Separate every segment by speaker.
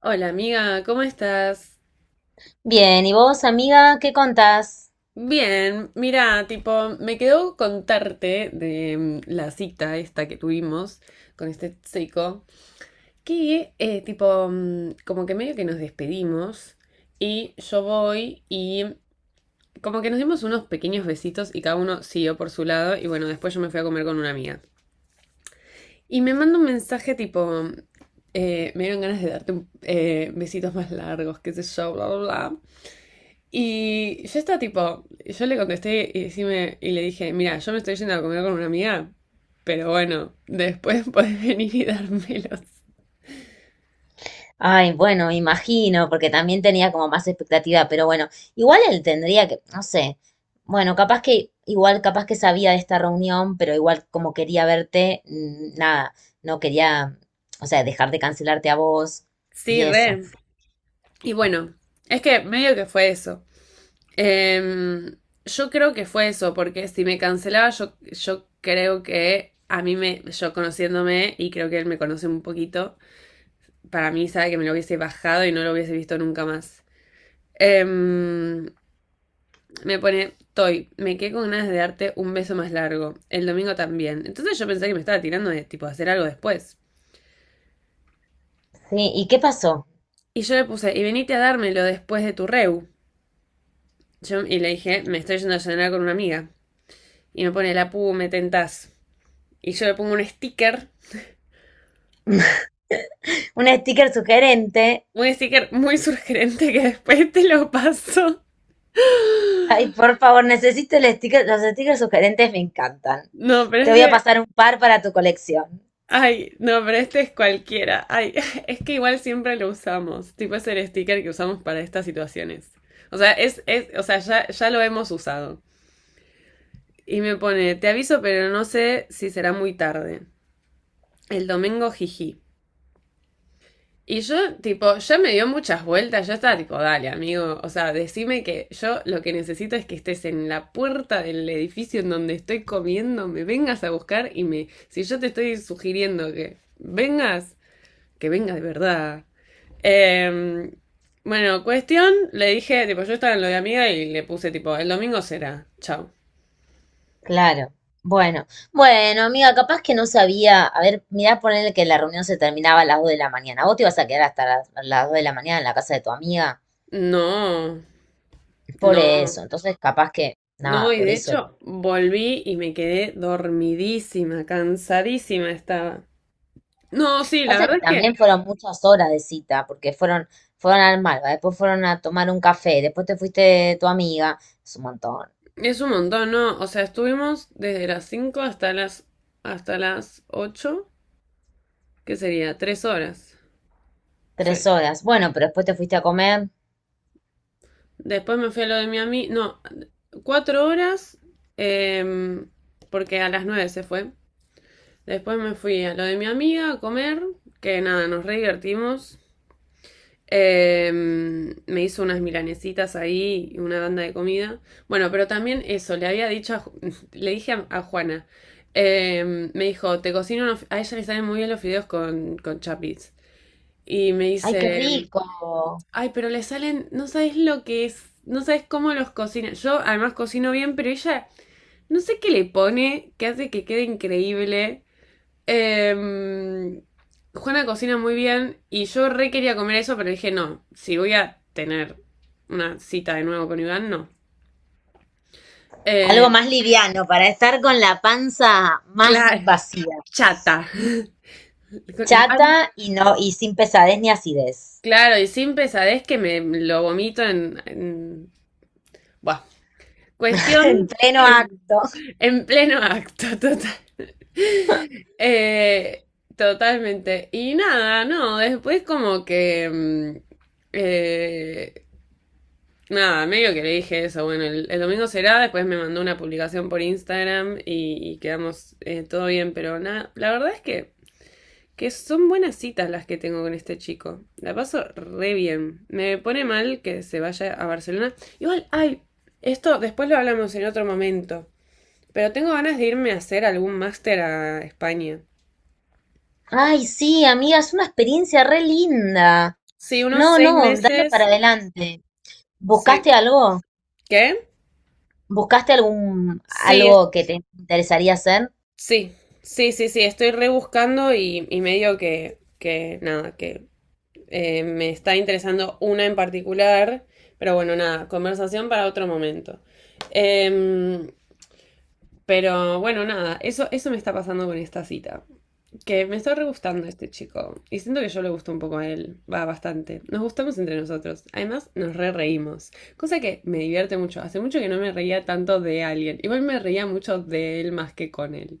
Speaker 1: Hola amiga, ¿cómo estás?
Speaker 2: Bien, ¿y vos, amiga, qué contás?
Speaker 1: Bien, mira, tipo, me quedó contarte de la cita esta que tuvimos con este seco, que tipo, como que medio que nos despedimos y yo voy y como que nos dimos unos pequeños besitos y cada uno siguió por su lado y bueno, después yo me fui a comer con una amiga. Y me manda un mensaje tipo, me dieron ganas de besitos más largos, qué sé yo, bla, bla, bla. Y yo estaba tipo, yo le contesté y, decime- y le dije, mira, yo me estoy yendo a comer con una amiga, pero bueno, después podés venir y dármelos.
Speaker 2: Ay, bueno, imagino, porque también tenía como más expectativa, pero bueno, igual él tendría que, no sé, bueno, capaz que, igual capaz que sabía de esta reunión, pero igual como quería verte, nada, no quería, o sea, dejar de cancelarte a vos y
Speaker 1: Sí,
Speaker 2: eso.
Speaker 1: re. Y bueno, es que medio que fue eso. Em, yo creo que fue eso, porque si me cancelaba, yo creo que a mí me, yo conociéndome, y creo que él me conoce un poquito, para mí sabe que me lo hubiese bajado y no lo hubiese visto nunca más. Em, Me pone, Toy, me quedé con ganas de darte un beso más largo. El domingo también. Entonces yo pensé que me estaba tirando de tipo hacer algo después.
Speaker 2: Sí, ¿y qué pasó?
Speaker 1: Y yo le puse, y venite a dármelo después de tu reu. Y le dije, me estoy yendo a cenar con una amiga. Y me pone, la pu, me tentás. Y yo le pongo
Speaker 2: Un sticker sugerente.
Speaker 1: un sticker muy surgente que después te lo paso.
Speaker 2: Ay, por favor, necesito el sticker, los stickers sugerentes me encantan.
Speaker 1: No, pero
Speaker 2: Te
Speaker 1: es
Speaker 2: voy a
Speaker 1: de...
Speaker 2: pasar un par para tu colección.
Speaker 1: Ay, no, pero este es cualquiera. Ay, es que igual siempre lo usamos. Tipo es el sticker que usamos para estas situaciones. O sea, o sea, ya lo hemos usado. Y me pone, te aviso, pero no sé si será muy tarde. El domingo, jiji. Y yo, tipo, ya me dio muchas vueltas. Yo estaba tipo, dale, amigo. O sea, decime que yo lo que necesito es que estés en la puerta del edificio en donde estoy comiendo, me vengas a buscar y me. Si yo te estoy sugiriendo que vengas, que venga de verdad. Eh, bueno, cuestión, le dije, tipo, yo estaba en lo de amiga y le puse, tipo, el domingo será, chao.
Speaker 2: Claro. Bueno, bueno, amiga, capaz que no sabía. A ver, mirá, ponerle que la reunión se terminaba a las 2 de la mañana. Vos te ibas a quedar hasta las 2 de la mañana en la casa de tu amiga.
Speaker 1: No,
Speaker 2: Por
Speaker 1: no,
Speaker 2: eso, entonces capaz que,
Speaker 1: no,
Speaker 2: nada,
Speaker 1: y
Speaker 2: por
Speaker 1: de
Speaker 2: eso.
Speaker 1: hecho volví y me quedé dormidísima, cansadísima estaba. No, sí, la
Speaker 2: Pasa
Speaker 1: verdad
Speaker 2: que
Speaker 1: es que
Speaker 2: también fueron muchas horas de cita, porque fueron al Malva, después fueron a tomar un café, después te fuiste de tu amiga. Es un montón.
Speaker 1: es un montón, ¿no? O sea, estuvimos desde las 5 hasta las 8, que sería 3 horas. Sí.
Speaker 2: Tres horas. Bueno, pero después te fuiste a comer.
Speaker 1: Después me fui a lo de Miami. No, 4 horas, em, porque a las 9 se fue. Después me fui a lo de mi amiga a comer, que nada, nos re divertimos. Me hizo unas milanesitas ahí y una banda de comida. Bueno, pero también eso, le había dicho a a Juana, me dijo, te cocino, a ella le salen muy bien los fideos con chapis. Y me
Speaker 2: ¡Ay, qué
Speaker 1: dice,
Speaker 2: rico!
Speaker 1: ay, pero le salen, no sabes lo que es, no sabes cómo los cocina. Yo además cocino bien, pero ella no sé qué le pone, que hace que quede increíble. Em, Juana cocina muy bien y yo re quería comer eso, pero dije, no, si voy a tener una cita de nuevo con Iván, no.
Speaker 2: Algo
Speaker 1: Eh,
Speaker 2: más liviano para estar con la panza más
Speaker 1: claro,
Speaker 2: vacía.
Speaker 1: chata. Con la pan-
Speaker 2: Chata y no, y sin pesadez ni acidez.
Speaker 1: Claro, y sin pesadez que me lo vomito en... Buah.
Speaker 2: En
Speaker 1: Cuestión...
Speaker 2: pleno acto.
Speaker 1: En pleno acto, total. Eh, totalmente. Y nada, no, después como que... eh, nada, medio que le dije eso. Bueno, el domingo será, después me mandó una publicación por Instagram y quedamos todo bien, pero nada, la verdad es que son buenas citas las que tengo con este chico. La paso re bien. Me pone mal que se vaya a Barcelona. Igual, ay, esto después lo hablamos en otro momento. Pero tengo ganas de irme a hacer algún máster a España.
Speaker 2: Ay, sí, amiga, es una experiencia re linda.
Speaker 1: Sí, unos
Speaker 2: No,
Speaker 1: seis
Speaker 2: no, dale para
Speaker 1: meses.
Speaker 2: adelante.
Speaker 1: Sí.
Speaker 2: ¿Buscaste algo?
Speaker 1: ¿Qué?
Speaker 2: ¿Buscaste algún
Speaker 1: Sí, es-
Speaker 2: algo que te interesaría hacer?
Speaker 1: sí, sí, sí, sí. Estoy rebuscando y medio que nada, que me está interesando una en particular. Pero bueno, nada, conversación para otro momento. Em, pero bueno, nada, eso me está pasando con esta cita. Que me está re gustando este chico. Y siento que yo le gusto un poco a él. Va bastante. Nos gustamos entre nosotros. Además, nos re reímos. Cosa que me divierte mucho. Hace mucho que no me reía tanto de alguien. Igual me reía mucho de él más que con él.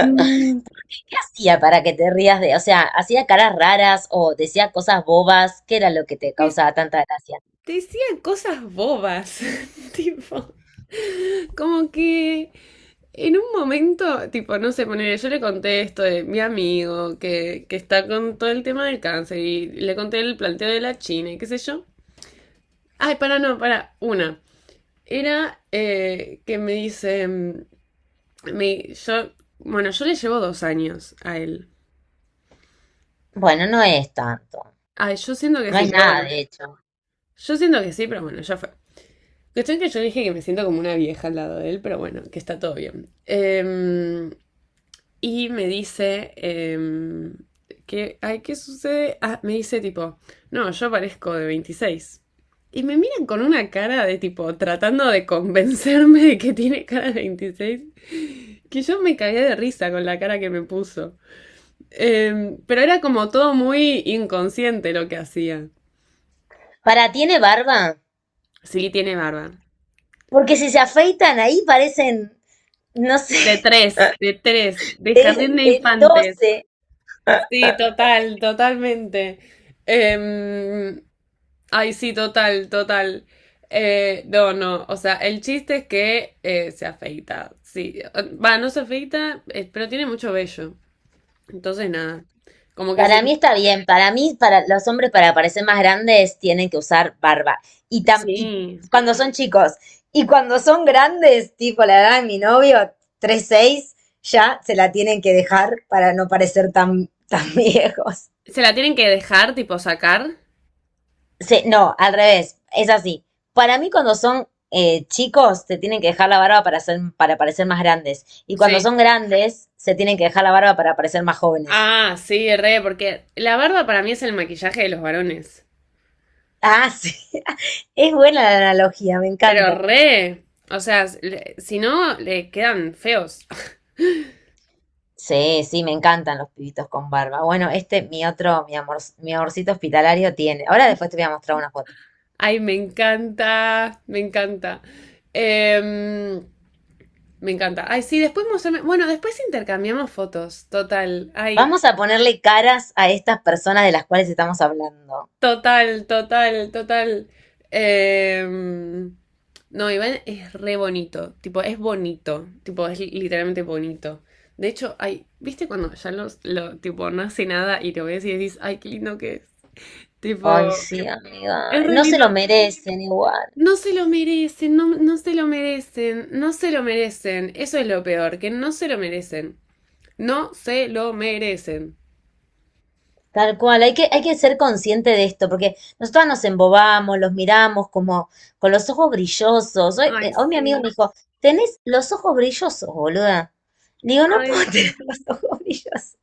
Speaker 1: Mm,
Speaker 2: ¿Qué hacía para que te rías de, o sea, hacía caras raras o decía cosas bobas? ¿Qué era lo que te
Speaker 1: te,
Speaker 2: causaba tanta gracia?
Speaker 1: te decían cosas bobas. Tipo, como que en un momento, tipo, no sé, poner, yo le conté esto de mi amigo que está con todo el tema del cáncer y le conté el planteo de la China y qué sé yo. Ay, para, no, para, una. Era que me dice, me- yo, bueno, yo le llevo 2 años a él.
Speaker 2: Bueno, no es tanto.
Speaker 1: Ay, yo siento que
Speaker 2: No
Speaker 1: sí,
Speaker 2: es
Speaker 1: pero
Speaker 2: nada,
Speaker 1: bueno,
Speaker 2: de hecho.
Speaker 1: yo siento que sí, pero bueno, ya fue. Cuestión que yo le dije que me siento como una vieja al lado de él, pero bueno, que está todo bien. Y me dice, que, ay, ¿qué sucede? Ah, me dice tipo, no, yo parezco de 26. Y me miran con una cara de tipo, tratando de convencerme de que tiene cara de 26. Que yo me cagué de risa con la cara que me puso. Pero era como todo muy inconsciente lo que hacía.
Speaker 2: ¿Para tiene barba?
Speaker 1: Sí, tiene barba.
Speaker 2: Porque si se afeitan ahí parecen, no sé.
Speaker 1: De tres, de tres, de jardín de
Speaker 2: De
Speaker 1: infantes.
Speaker 2: 12.
Speaker 1: Sí, total, totalmente. Em, ay, sí, total, total. No, no, o sea, el chiste es que se afeita. Sí, va, no se afeita, pero tiene mucho vello. Entonces, nada, como que se...
Speaker 2: Para mí está bien. Para mí, para los hombres, para parecer más grandes, tienen que usar barba. Y
Speaker 1: Sí,
Speaker 2: cuando son chicos. Y cuando son grandes, tipo la edad de mi novio, tres seis, ya se la tienen que dejar para no parecer tan, tan viejos.
Speaker 1: se la tienen que dejar, tipo sacar.
Speaker 2: Se- no, al revés. Es así. Para mí, cuando son chicos, se tienen que dejar la barba para ser, para parecer más grandes. Y cuando
Speaker 1: Sí.
Speaker 2: son grandes, se tienen que dejar la barba para parecer más jóvenes.
Speaker 1: Ah, sí, re, porque la barba para mí es el maquillaje de los varones.
Speaker 2: Ah, sí. Es buena la analogía, me
Speaker 1: Pero
Speaker 2: encanta.
Speaker 1: re, o sea, si no, le quedan feos.
Speaker 2: Sí, sí, me encantan los pibitos con barba. Bueno, este, mi amorcito hospitalario tiene. Ahora después te voy a mostrar una foto.
Speaker 1: Ay, me encanta, me encanta. Em, me encanta. Ay, sí, después mostrame... Bueno, después intercambiamos fotos, total. Ay.
Speaker 2: Vamos a ponerle caras a estas personas de las cuales estamos hablando.
Speaker 1: Total, total, total. Em, no, Iván es re bonito. Tipo, es bonito. Tipo, literalmente bonito. De hecho, ay, ¿viste cuando ya tipo, no hace nada y te ves y decís, ay, qué lindo que es?
Speaker 2: Ay,
Speaker 1: Tipo,
Speaker 2: sí, amiga.
Speaker 1: es re
Speaker 2: No se
Speaker 1: lindo.
Speaker 2: lo merecen igual.
Speaker 1: No se lo merecen, no se lo merecen, no se lo merecen. Eso es lo peor, que no se lo merecen. No se lo merecen.
Speaker 2: Tal cual, hay que ser consciente de esto, porque nosotros nos embobamos, los miramos como con los ojos brillosos. Hoy, eh,
Speaker 1: Ay,
Speaker 2: hoy mi amigo me
Speaker 1: sí.
Speaker 2: dijo, tenés los ojos brillosos, boluda. Digo, no
Speaker 1: Ay,
Speaker 2: puedo tener los
Speaker 1: sí.
Speaker 2: ojos brillosos.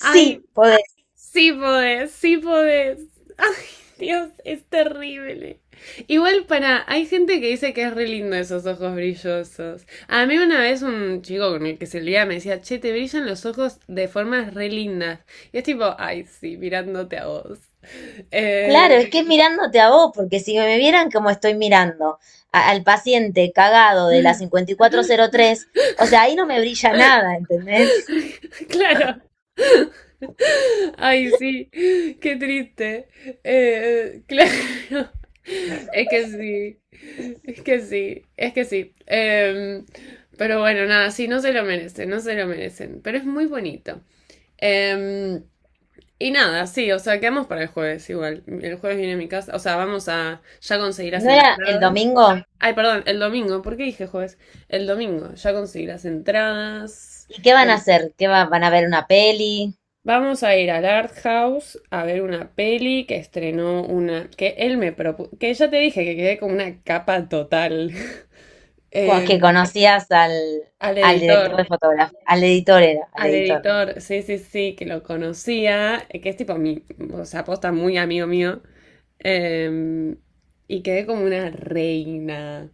Speaker 1: Ay,
Speaker 2: podés.
Speaker 1: sí podés, sí podés. Ay, Dios, es terrible. Igual para, hay gente que dice que es re lindo esos ojos brillosos. A mí una vez un chico con el que se liaba me decía, che, te brillan los ojos de formas re lindas. Y es tipo, ay, sí, mirándote a vos. Eh,
Speaker 2: Claro, es que es mirándote a vos, porque si me vieran como estoy mirando al paciente cagado de la 5403, o sea, ahí no me brilla nada, ¿entendés?
Speaker 1: claro. Ay, sí, qué triste. Claro, es que sí, es que sí, es que sí. Pero bueno, nada, sí, no se lo merecen, no se lo merecen, pero es muy bonito. Em, y nada, sí, o sea, quedamos para el jueves igual. El jueves viene a mi casa, o sea, vamos a ya conseguir las
Speaker 2: ¿No era el
Speaker 1: entradas.
Speaker 2: domingo?
Speaker 1: Ay, perdón, el domingo, ¿por qué dije jueves? El domingo, ya conseguí las entradas.
Speaker 2: ¿Y qué van a hacer? ¿Qué van a ver una peli?
Speaker 1: Vamos a ir al Art House a ver una peli que estrenó una, que él me propuso, que ya te dije que quedé con una capa total.
Speaker 2: co-
Speaker 1: Eh,
Speaker 2: que conocías
Speaker 1: al
Speaker 2: al, director de
Speaker 1: editor,
Speaker 2: fotografía, al editor era, al
Speaker 1: al
Speaker 2: editor.
Speaker 1: editor, sí, sí, sí, que lo conocía, que es tipo mi, o sea, posta muy amigo mío. Eh, y quedé como una reina,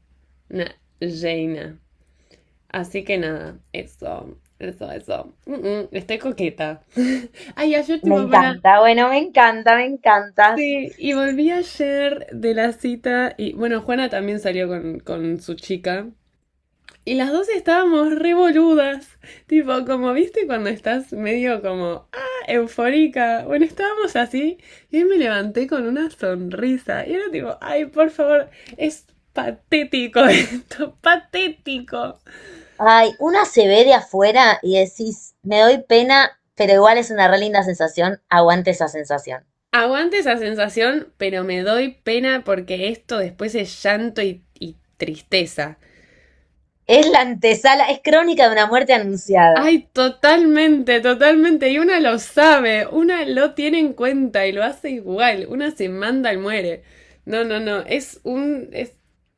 Speaker 1: una reina. Así que nada, eso, eso, eso. Estoy coqueta. Ay, ayer
Speaker 2: Me
Speaker 1: tipo, para...
Speaker 2: encanta, bueno, me encanta, me encantas.
Speaker 1: Sí, y volví ayer de la cita y bueno, Juana también salió con su chica y las dos estábamos re boludas, tipo como viste cuando estás medio como, ah, eufórica, bueno, estábamos así y ahí me levanté con una sonrisa y era tipo, ay, por favor, es patético esto, patético.
Speaker 2: Ay, una se ve de afuera y decís, me doy pena, pero igual es una re linda sensación, aguante esa sensación.
Speaker 1: Aguante esa sensación, pero me doy pena porque esto después es llanto y tristeza.
Speaker 2: Es la antesala, es crónica de una muerte anunciada.
Speaker 1: Ay, totalmente, totalmente. Y una lo sabe, una lo tiene en cuenta y lo hace igual. Una se manda y muere. No, no, no. Es un... Es...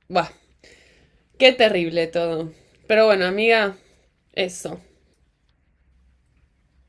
Speaker 1: Buah, qué terrible todo. Pero bueno, amiga, eso.